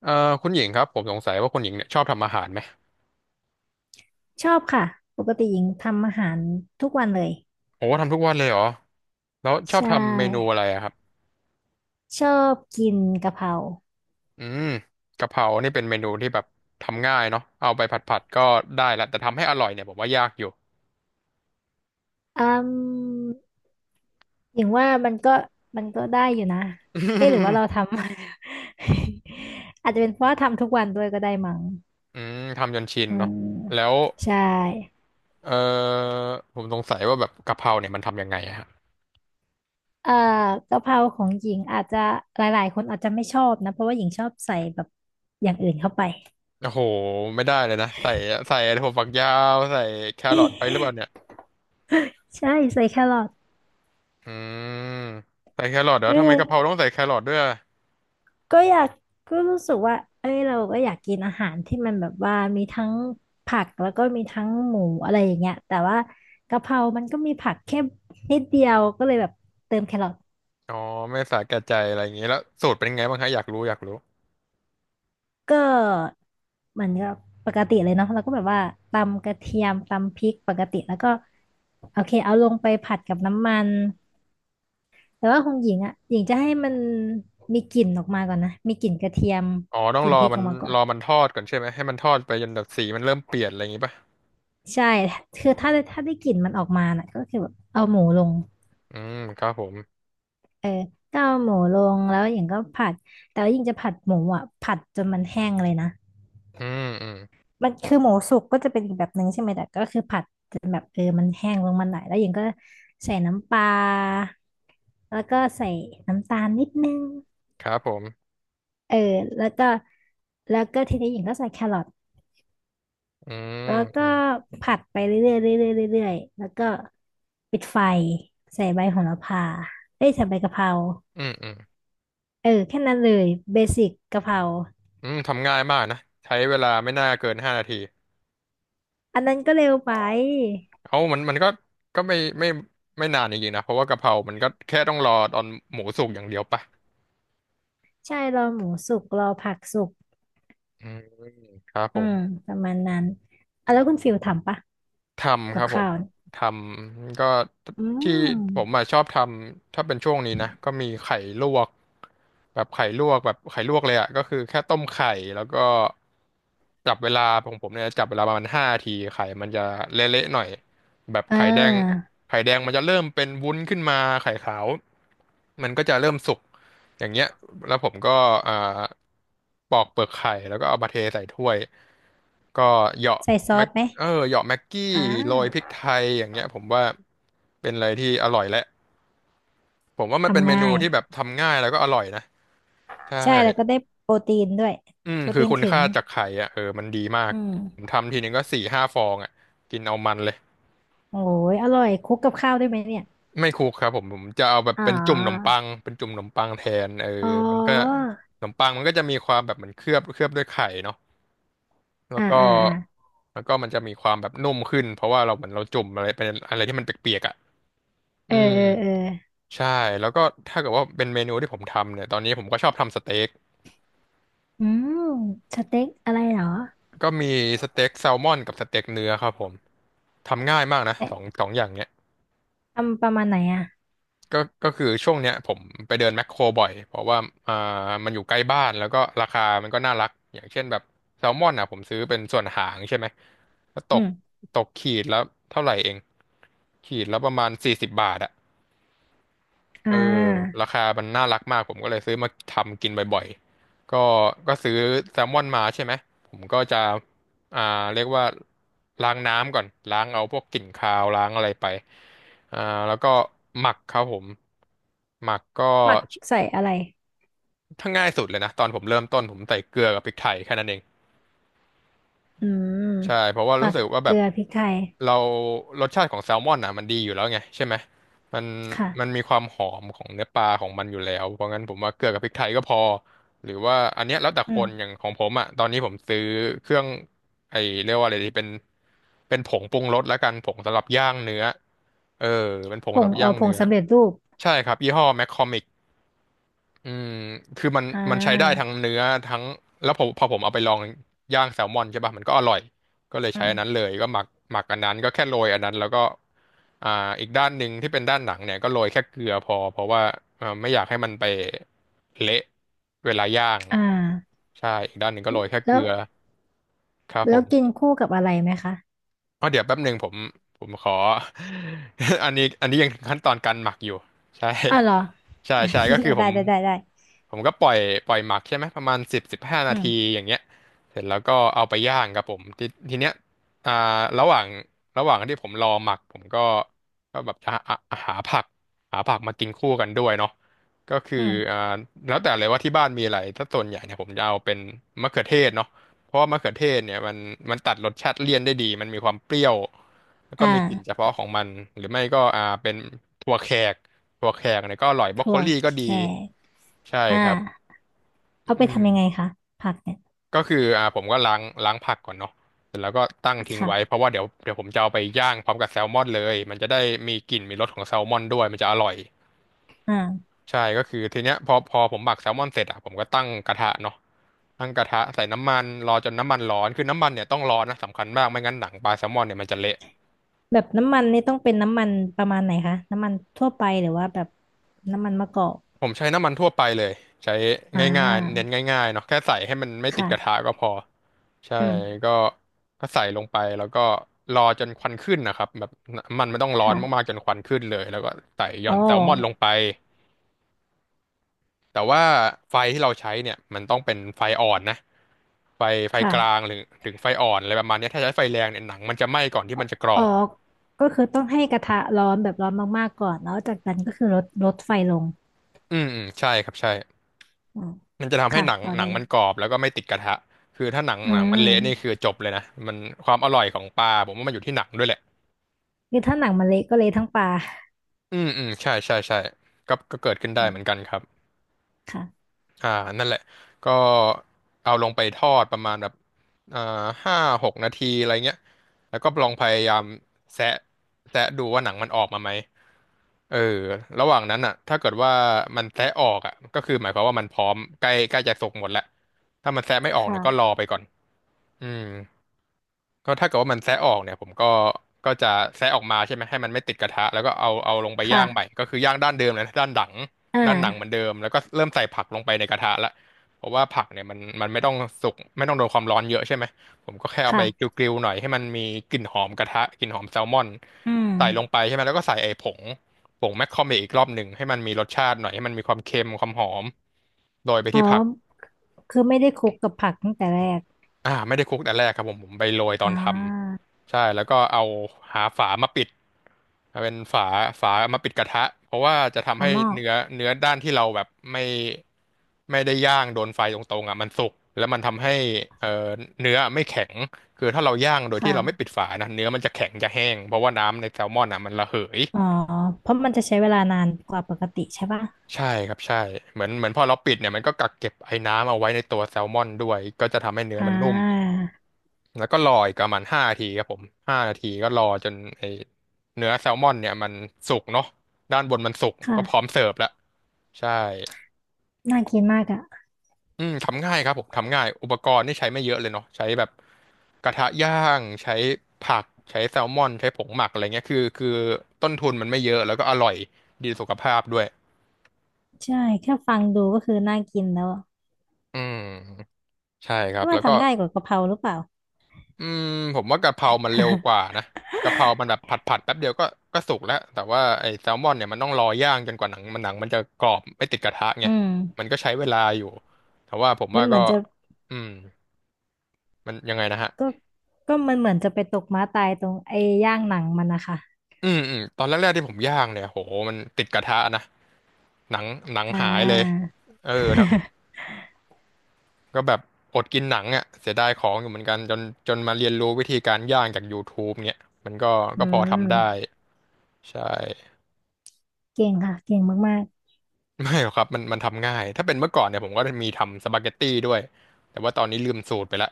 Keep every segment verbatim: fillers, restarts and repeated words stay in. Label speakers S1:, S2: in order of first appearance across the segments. S1: เอ่อคุณหญิงครับผมสงสัยว่าคุณหญิงเนี่ยชอบทำอาหารไหม
S2: ชอบค่ะปกติหญิงทำอาหารทุกวันเลย
S1: โอ้ทำทุกวันเลยเหรอแล้วชอบ
S2: ใช
S1: ทำเมนู
S2: ่
S1: อะไรอะครับ
S2: ชอบกินกะเพรา
S1: อืมกะเพรานี่เป็นเมนูที่แบบทำง่ายเนาะเอาไปผัดผัดก็ได้ละแต่ทำให้อร่อยเนี่ยผมว่ายากอยู่
S2: อืมหญิงว่ามันก็มันก็ได้อยู่นะเอ๊ะหรือว่าเราทำ อาจจะเป็นเพราะว่าทำทุกวันด้วยก็ได้มั้ง
S1: อืมทำจนชิน
S2: อื
S1: เนาะ
S2: ม
S1: แล้ว
S2: ใช่
S1: เอ่อผมสงสัยว่าแบบกะเพราเนี่ยมันทำยังไงอะฮะ
S2: เอ่อกะเพราของหญิงอาจจะหลายๆคนอาจจะไม่ชอบนะเพราะว่าหญิงชอบใส่แบบอย่างอื่นเข้าไป
S1: โอ้โหไม่ได้เลยนะใส่ใส่ถั่วฝักยาวใส่แครอทไปหรือเปล่าเนี่ย
S2: ใช่ใส่แครอท
S1: อืมใส่แครอทเหรอทำไมกะเพ
S2: เอ
S1: รา
S2: อ
S1: ต้องใส่แครอทด้วยอะ
S2: ก็อยากก็รู้สึกว่าเอ้ยเราก็อยากกินอาหารที่มันแบบว่ามีทั้งผักแล้วก็มีทั้งหมูอะไรอย่างเงี้ยแต่ว่ากะเพรามันก็มีผักแค่นิดเดียวก็เลยแบบเติมแครอท
S1: อ๋อไม่สาแก่ใจอะไรอย่างงี้แล้วสูตรเป็นไงบ้างคะอยากรู้อยากรู้
S2: ก็เหมือนกับปกติเลยเนาะแล้วก็แบบว่าตำกระเทียมตำพริกปกติแล้วก็โอเคเอาลงไปผัดกับน้ำมันแต่ว่าของหญิงอ่ะหญิงจะให้มันมีกลิ่นออกมาก่อนนะมีกลิ่นกระเทียม
S1: อ๋อต้อ
S2: ก
S1: ง
S2: ลิ่น
S1: ร
S2: พ
S1: อ
S2: ริก
S1: มั
S2: อ
S1: น
S2: อกมาก่อ
S1: ร
S2: น
S1: อมันทอดก่อนใช่ไหมให้มันทอดไปจนแบบสีมันเริ่มเปลี่ยนอะไรอย่างงี้ป่ะ
S2: ใช่คือถ้าถ้าได้กลิ่นมันออกมาน่ะก็คือแบบเอาหมูลง
S1: อืมครับผม
S2: เออก็เอาหมูลงแล้วหญิงก็ผัดแต่ว่าหญิงจะผัดหมูอ่ะผัดจนมันแห้งเลยนะ
S1: อืมอืม
S2: มันคือหมูสุกก็จะเป็นอีกแบบหนึ่งใช่ไหมแต่ก็คือผัดจนแบบเออมันแห้งลงมาหน่อยแล้วหญิงก็ใส่น้ำปลาแล้วก็ใส่น้ำตาลนิดนึง
S1: ครับผม
S2: เออแล้วก็แล้วก็ทีนี้หญิงก็ใส่แครอท
S1: อืม
S2: แล้ว
S1: อื
S2: ก็
S1: ม
S2: ผัดไปเรื่อยๆเรื่อยๆเรื่อยๆแล้วก็ปิดไฟใส่ใบโหระพาเอ้ยใส่ใบกะเพรา
S1: อืมอืม
S2: เออแค่นั้นเลยเบสิกกะเพรา
S1: อืมทำง่ายมากนะใช้เวลาไม่น่าเกินห้านาที
S2: อันนั้นก็เร็วไป
S1: เอ้ามันมันก็ก็ไม่ไม่ไม่นานจริงๆนะเพราะว่ากะเพรามันก็แค่ต้องรอตอนหมูสุกอย่างเดียวป่ะ
S2: ใช่รอหมูสุกรอผักสุก
S1: อืมครับผ
S2: อื
S1: ม
S2: มประมาณนั้นอ่ะแล้วคุณฟิลทำปะ
S1: ทำ
S2: กั
S1: ค
S2: บ
S1: รับผ
S2: ข้า
S1: ม
S2: วเนี่ย
S1: ทำก็
S2: อื
S1: ที่ผม
S2: ม
S1: อะชอบทำถ้าเป็นช่วงนี้นะก็มีไข่ลวกแบบไข่ลวกแบบไข่ลวกเลยอ่ะก็คือแค่ต้มไข่แล้วก็จับเวลาของผมเนี่ยจับเวลาประมาณห้าทีไข่มันจะเละๆหน่อยแบบ
S2: อ่
S1: ไข่แดง
S2: า
S1: ไข่แดงมันจะเริ่มเป็นวุ้นขึ้นมาไข่ขาวมันก็จะเริ่มสุกอย่างเงี้ยแล้วผมก็อ่าปอกเปลือกไข่แล้วก็เอามาเทใส่ถ้วยก็เหยาะ
S2: ใส่ซอสไหม
S1: เออเหยาะแม็กกี้
S2: อ่า
S1: โรยพริกไทยอย่างเงี้ยผมว่าเป็นอะไรที่อร่อยและผมว่ามันเป็น
S2: ทำ
S1: เมนู
S2: ง่าย
S1: ที่แบบทำง่ายแล้วก็อร่อยนะใช่
S2: ใช่แล้วก็ได้โปรตีนด้วย
S1: อืม
S2: โปร
S1: คือ
S2: ตีน
S1: คุณ
S2: ถึง
S1: ค่าจากไข่อ่ะเออมันดีมาก
S2: อืม
S1: ผมทำทีนึงก็สี่ห้าฟองอ่ะกินเอามันเลย
S2: โอ้ยอร่อยคลุกกับข้าวได้ไหมเนี่ย
S1: ไม่คลุกครับผมผมจะเอาแบบ
S2: อ๋อ
S1: เป็นจุ่มขนมปังเป็นจุ่มขนมปังแทนเออ
S2: อ๋
S1: มันก็
S2: อ
S1: ขนมปังมันก็จะมีความแบบเหมือนเคลือบเคลือบด้วยไข่เนาะแล้ว
S2: อ่า
S1: ก็
S2: อ่าอ่า
S1: แล้วก็มันจะมีความแบบนุ่มขึ้นเพราะว่าเราเหมือนเราจุ่มอะไรเป็นอะไรที่มันเปียกๆอ่ะ
S2: เอ
S1: อื
S2: อ
S1: ม
S2: เออเออ
S1: ใช่แล้วก็ถ้าเกิดว่าเป็นเมนูที่ผมทำเนี่ยตอนนี้ผมก็ชอบทำสเต็ก
S2: อืมสเต็กอะไรเหรอ
S1: ก็มีสเต็กแซลมอนกับสเต็กเนื้อครับผมทำง่ายมากนะส
S2: เอ๊ะ
S1: องสองอย่างเนี้ย
S2: ทำประมาณไหนอ่ะ
S1: ก็ก็คือช่วงเนี้ยผมไปเดินแมคโครบ่อยเพราะว่าอ่ามันอยู่ใกล้บ้านแล้วก็ราคามันก็น่ารักอย่างเช่นแบบแซลมอนอ่ะผมซื้อเป็นส่วนหางใช่ไหมก็ต
S2: อื
S1: ก
S2: ม
S1: ตกขีดแล้วเท่าไหร่เองขีดแล้วประมาณสี่สิบบาทอะ
S2: อ่
S1: เออ
S2: า
S1: ราคามันน่ารักมากผมก็เลยซื้อมาทำกินบ่อยๆ ก็ก็ซื้อแซลมอนมาใช่ไหมผมก็จะอ่าเรียกว่าล้างน้ำก่อนล้างเอาพวกกลิ่นคาวล้างอะไรไปอ่าแล้วก็หมักครับผมหมักก็
S2: หมักใส่อะไร
S1: ถ้าง่ายสุดเลยนะตอนผมเริ่มต้นผมใส่เกลือกับพริกไทยแค่นั้นเอง
S2: อืม
S1: ใช่เพราะว่า
S2: หมั
S1: รู้
S2: ก
S1: สึกว่า
S2: เก
S1: แบ
S2: ลื
S1: บ
S2: อพริกไทย
S1: เรารสชาติของแซลมอนอ่ะมันดีอยู่แล้วไงใช่ไหมมันมัน
S2: ค่ะ
S1: มีความหอมของเนื้อปลาของมันอยู่แล้วเพราะงั้นผมว่าเกลือกับพริกไทยก็พอหรือว่าอันเนี้ยแล้วแต่
S2: อื
S1: ค
S2: ม
S1: นอย่างของผมอ่ะตอนนี้ผมซื้อเครื่องไอเรียกว่าอะไรดีเป็นเป็นผงปรุงรสแล้วกันผงสำหรับย่างเนื้อเออเป็นผ
S2: ผ
S1: งสำห
S2: ง
S1: รับ
S2: อ๋อ
S1: ย่าง
S2: ผง
S1: เนื้อ
S2: สำเร็จรูป
S1: ใช่ครับยี่ห้อแมคคอมิ อืมคือมัน
S2: อ่
S1: มันใช้ได้ทั้
S2: า
S1: งเนื้อทั้งแล้วผมพอผมเอาไปลองย่างแซลมอนใช่ป่ะมันก็อร่อยก็เลย
S2: อื
S1: ใช้อันนั้นเล
S2: ม
S1: ยก็หมักหมักอันนั้นก็แค่โรยอันนั้นแล้วก็อ่าอีกด้านหนึ่งที่เป็นด้านหนังเนี่ยก็โรยแค่เกลือพอเพราะว่าเอ่อไม่อยากให้มันไปเละเวลาย่าง
S2: อ่า
S1: ใช่อีกด้านหนึ่งก็โรยแค่เก
S2: แล้
S1: ลื
S2: ว
S1: อครับผ
S2: แล้ว
S1: ม
S2: กินคู่กับอะไรไหมคะ
S1: อ๋อเดี๋ยวแป๊บหนึ่งผมผมขอ อันนี้อันนี้ยังขั้นตอนการหมักอยู่ใช่
S2: อ้าวเหรอ
S1: ใช่ใช่ก็คือ ผ
S2: ได้
S1: ม
S2: ได้ได้ได้
S1: ผมก็ปล่อยปล่อยหมักใช่ไหมประมาณสิบสิบห้านา
S2: อื
S1: ที
S2: ม
S1: อย่างเงี้ยเสร็จแล้วก็เอาไปย่างครับผมทีทีเนี้ยอ่าระหว่างระหว่างที่ผมรอหมักผมก็ก็แบบจะหาหาผักหาผักมากินคู่กันด้วยเนาะก็คือ
S2: อืม
S1: อ่าแล้วแต่เลยว่าที่บ้านมีอะไรถ้าส่วนใหญ่เนี่ยผมจะเอาเป็นมะเขือเทศเนาะ เพราะว่ามะเขือเทศเนี่ยมันมันตัดรสชาติเลี่ยนได้ดีมันมีความเปรี้ยวแล้ว
S2: อ
S1: ก็มีกลิ่นเฉ
S2: ่า
S1: พาะของมันหรือไม่ก็อ่าเป็นถั่วแขกถั่วแขกเนี่ยก็อร่อยบรอกโค
S2: ถั่ว
S1: ลี่
S2: แข
S1: ก็ดี
S2: ก
S1: ใช่
S2: อ่า
S1: ครับ
S2: เอา
S1: อื
S2: ไป
S1: ม
S2: ทำยังไงคะ ผักเนี่ย
S1: ก็คืออ่าผมก็ล้างล้างผักก่อนเนาะเสร็จแล้วก็ตั้งทิ้งไว้เพ
S2: ค่ะ
S1: ราะว่าเดี๋ยวเดี๋ยวผมจะเอาไปย่างพร้อมกับแซลมอนเลยมันจะได้มีกลิ่นมีรสของแซลมอนด้วยมันจะอร่อย
S2: อ่า
S1: ใช่ก็คือทีเนี้ยพอพอผมหมักแซลมอนเสร็จอ่ะผมก็ตั้งกระทะเนาะตั้งกระทะใส่น้ำมันรอจนน้ำมันร้อนคือน้ำมันเนี่ยต้องร้อนนะสำคัญมากไม่งั้นหนังปลาแซลมอนเนี่ยมันจะเละ
S2: แบบน้ำมันนี่ต้องเป็นน้ำมันประมาณไหนคะน้ำมันทั่วไปหรือว่าแบบน้ำมันมะกอก
S1: ผมใช้น้ำมันทั่วไปเลยใช้
S2: อ่
S1: ง่ายๆเน้น
S2: า
S1: ง่ายๆเนาะแค่ใส่ให้มันไม่ติดกระทะ
S2: ค่ะ
S1: ก็พอใช่
S2: อืม
S1: ก็ก็ใส่ลงไปแล้วก็รอจนควันขึ้นนะครับแบบน้ำมันไม่ต้องร้อนมาก
S2: ค่ะ
S1: ๆจนควันขึ้นเลยแล้วก็ใส่หย่อ
S2: อ๋อ
S1: นแซลมอนลงไป แต่ว่าไฟที่เราใช้เนี่ยมันต้องเป็นไฟอ่อนนะไฟไฟกลาง
S2: ค่ะ
S1: หรือถึงไฟอ่อนอะไรประมาณเนี้ยถ้าใช้ไฟแรงเนี่ยหนังมันจะไหม้ก่อนที่
S2: อ๋อ
S1: มันจะกรอ
S2: อ๋อ
S1: บ
S2: ก็คือต้องให้กระทะร้อนแบบร้อนมากๆก่อนแล้วจากนั้นก็คือลดลดไฟลง
S1: อืมอืมใช่ครับใช่
S2: อืม
S1: มันจะทำให้
S2: ค่ะ
S1: หนัง
S2: ต่อ
S1: หนั
S2: ได้
S1: ง
S2: เล
S1: มั
S2: ย
S1: นกรอบแล้วก็ไม่ติดกระทะคือถ้าหนัง
S2: อื
S1: หนังมันเละนี่คือ
S2: ม
S1: จบเลยนะมันความอร่อยของปลาผมว่ามันอยู่ที่หนังด้วยแหละ
S2: คือถ้าหนังมันเละก็เละทั้งปลา
S1: อืมอืมใช่ใช่ใช่ก็ก็เกิดขึ้นได้
S2: อื
S1: เหมือน
S2: ม
S1: กันครับ
S2: ค่ะ
S1: อ่านั่นแหละ ก็เอาลงไปทอดประมาณแบบอ่าห้าหกนาทีอะไรเงี้ยแล้วก็ลองพยายามแซะแซะดูว่าหนังมันออกมาไหมเออระหว่างนั้นอ่ะถ้าเกิดว่ามันแซะออกอ่ะก็คือหมายความว่ามันพร้อมใกล้ใกล้จะสุกหมดแล้วถ้ามันแซะไม่ออกเนี่ยก็ร
S2: ค่ะ
S1: อไปก่อนอืม ก็ถ้าเกิดว่ามันแซะออกเนี่ยผมก็ก็จะแซะออกมาใช่ไหมให้มันไม่ติดกระทะแล้วก็เอาเอาลงไปย่างใหม่
S2: ค่ะ
S1: ก็คือย่างด้านเดิมเลยนะด้านหลัง
S2: อ่
S1: ด้านหนังเหมือน
S2: า
S1: เดิมแล้วก็เริ่มใส่ผักลงไปในกระทะละเพราะว่าผักเนี่ยมันมันไม่ต้องสุกไม่ต้องโดนความร้อนเยอะใช่ไหมผมก็แค่เอาไปกร
S2: ค่ะ
S1: ิลๆหน่อยให้มันมีกลิ่นหอมกระทะกลิ่นหอมแซลมอน
S2: อืม
S1: ใส่ลงไปใช่ไหมแล้วก็ใส่ไอ้ผงผงแมคคอเมอีกรอบหนึ่งให้มันมีรสชาติหน่อยให้มันมีความเค็มความหอมโรยไป
S2: อ๋อ
S1: ที่ผัก
S2: คือไม่ได้คลุกกับผักตั้งแต่แรก
S1: อ่าไม่ได้คลุกแต่แรกครับผมผมไปโรยตอ
S2: อ่
S1: นท
S2: า
S1: ำใช่แล้วก็เอาหาฝามาปิดเอาเป็นฝาฝามาปิดกระทะเพราะว่าจะ
S2: ป
S1: ทำ
S2: ลา
S1: ให้
S2: หม้อ
S1: เนื้อเนื้อด้านที่เราแบบไม่ไม่ได้ย่างโดนไฟตรงๆอ่ะมันสุกแล้วมันทำให้เอ่อเนื้อไม่แข็งคือถ้าเราย่างโดยที่เราไม่
S2: ค่ะ
S1: ปิดฝานะเนื้อมันจะแข็งจะแห้งเพราะว่าน้ำในแซลมอนอ่ะมันระเหย
S2: อ๋อเพราะมันจะใช้เวลานานกว่าปกติใช่ป่ะ
S1: ใช่ครับใช่เหมือนเหมือนพอเราปิดเนี่ยมันก็กักเก็บไอ้น้ำเอาไว้ในตัวแซลมอนด้วยก็จะทำให้เนื้อ
S2: อ่
S1: มันนุ่ม
S2: า
S1: แล้วก็รออีกประมาณห้านาทีครับผมห้านาทีก็รอจนไอเนื้อแซลมอนเนี่ยมันสุกเนาะด้านบนมันสุกก็พร้อม
S2: ค่ะ
S1: เสิร์ฟแล้วใช่
S2: น่ากินมากอ่ะ
S1: อืมทำง่ายครับผมทำง่ายอุปกรณ์นี่ใช้ไม่เยอะเลยเนาะใช้แบบกระทะย่างใช้ผักใช้แซลมอนใช้ผงหมักอะไรเงี้ยคือคือต้นทุนมันไม่เยอะแล้วก็อร่อยดีสุขภาพด้วย
S2: ใช่แค่ฟังดูก็คือน่ากินแล้วอะ
S1: อืมใช่ครับ
S2: นี่
S1: แล้
S2: ว่า
S1: วก็
S2: ทำง่ายกว่ากะเพราหรือเปล่า
S1: อืมผมว่ากะเพรามันเร็วกว่านะกะเพรามันแบบผัดผัดแป๊บเดียวก็ก็สุกแล้วแต่ว่าไอ้แซลมอนเนี่ยมันต้องรอย่างจนกว่าหนังมันหนังมันจะกรอบไม่ติดกระทะ ไง
S2: อืม
S1: มันก็ใช้เวลาอยู่ แต่ว่าผมว่า
S2: มันเหมื
S1: ก็
S2: อนจะ
S1: อืมมันยังไงนะฮะ
S2: ก็ก็มันเหมือนจะไปตกม้าตายตรงไอ้ย่างหนังมันนะคะ
S1: อืมอืมตอนแรกๆที่ผมย่างเนี่ยโหมันติดกระทะนะหนังหนัง
S2: อ่
S1: หายเลย
S2: า
S1: เออทั้งก็แบบอดกินหนังอ่ะเสียดายของอยู่เหมือนกันจนจนมาเรียนรู้วิธีการย่างจาก ยูทูบ เนี่ยมันก็
S2: อื
S1: ก็พอ
S2: ม
S1: ทำได้ใช่
S2: เก่งค่ะเก่งมาก
S1: ไม่หรอกครับมันมันทำง่ายถ้าเป็นเมื่อก่อนเนี่ยผมก็มีทำสปาเกตตี้ด้วยแต่ว่าตอนนี้ลืมสูตรไปละ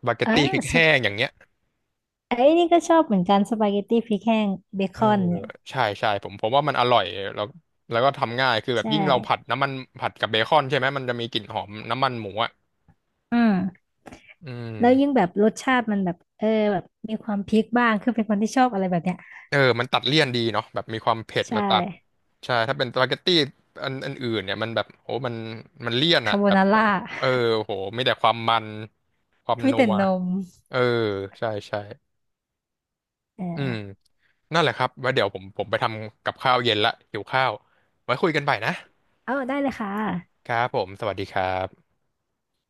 S1: สปาเก
S2: เอ
S1: ต
S2: อ
S1: ตี้ พริก
S2: สป
S1: แห้งอย่างเงี้ย
S2: ไอ้นี่ก็ชอบเหมือนกันสปาเกตตี้พริกแห้งเบ
S1: เอ
S2: ค
S1: อ
S2: อนเนี่ย
S1: ใช่ใช่ผมผมว่ามันอร่อยแล้วแล้วก็ทำง่ายคือแบบ
S2: ใช่
S1: ยิ่งเราผัดน้ำมันผัดกับเบคอนใช่ไหมมันจะมีกลิ่นหอมน้ำมันหมูอ่ะ
S2: อืม
S1: อื
S2: แล้วยิ่ง
S1: ม
S2: แบบรสชาติมันแบบเออแบบมีความพริกบ้างคือเป็นคนที่ชอบอะไรแบบเนี้ย
S1: เออมันตัดเลี่ยนดีเนาะแบบมีความเผ็ด
S2: ใช่
S1: มาตัดใช่ถ้าเป็นสปาเกตตี้อันอันอื่นเนี่ยมันแบบโหมันมันเลี่ยนอ่ะ
S2: คาโบ
S1: แบบ
S2: นาร่า
S1: เออโหมีแต่ความมันความ
S2: มี
S1: นั
S2: แต่
S1: ว
S2: นม
S1: เออใช่ใช่
S2: เอ
S1: อืม
S2: อ
S1: นั่นแหละครับไว่าเดี๋ยวผมผมไปทำกับข้าวเย็นละหิวข้าวไว้คุยกันใหม่นะ
S2: เอาได้เลยค่ะ
S1: ครับผมสวัสดีครับ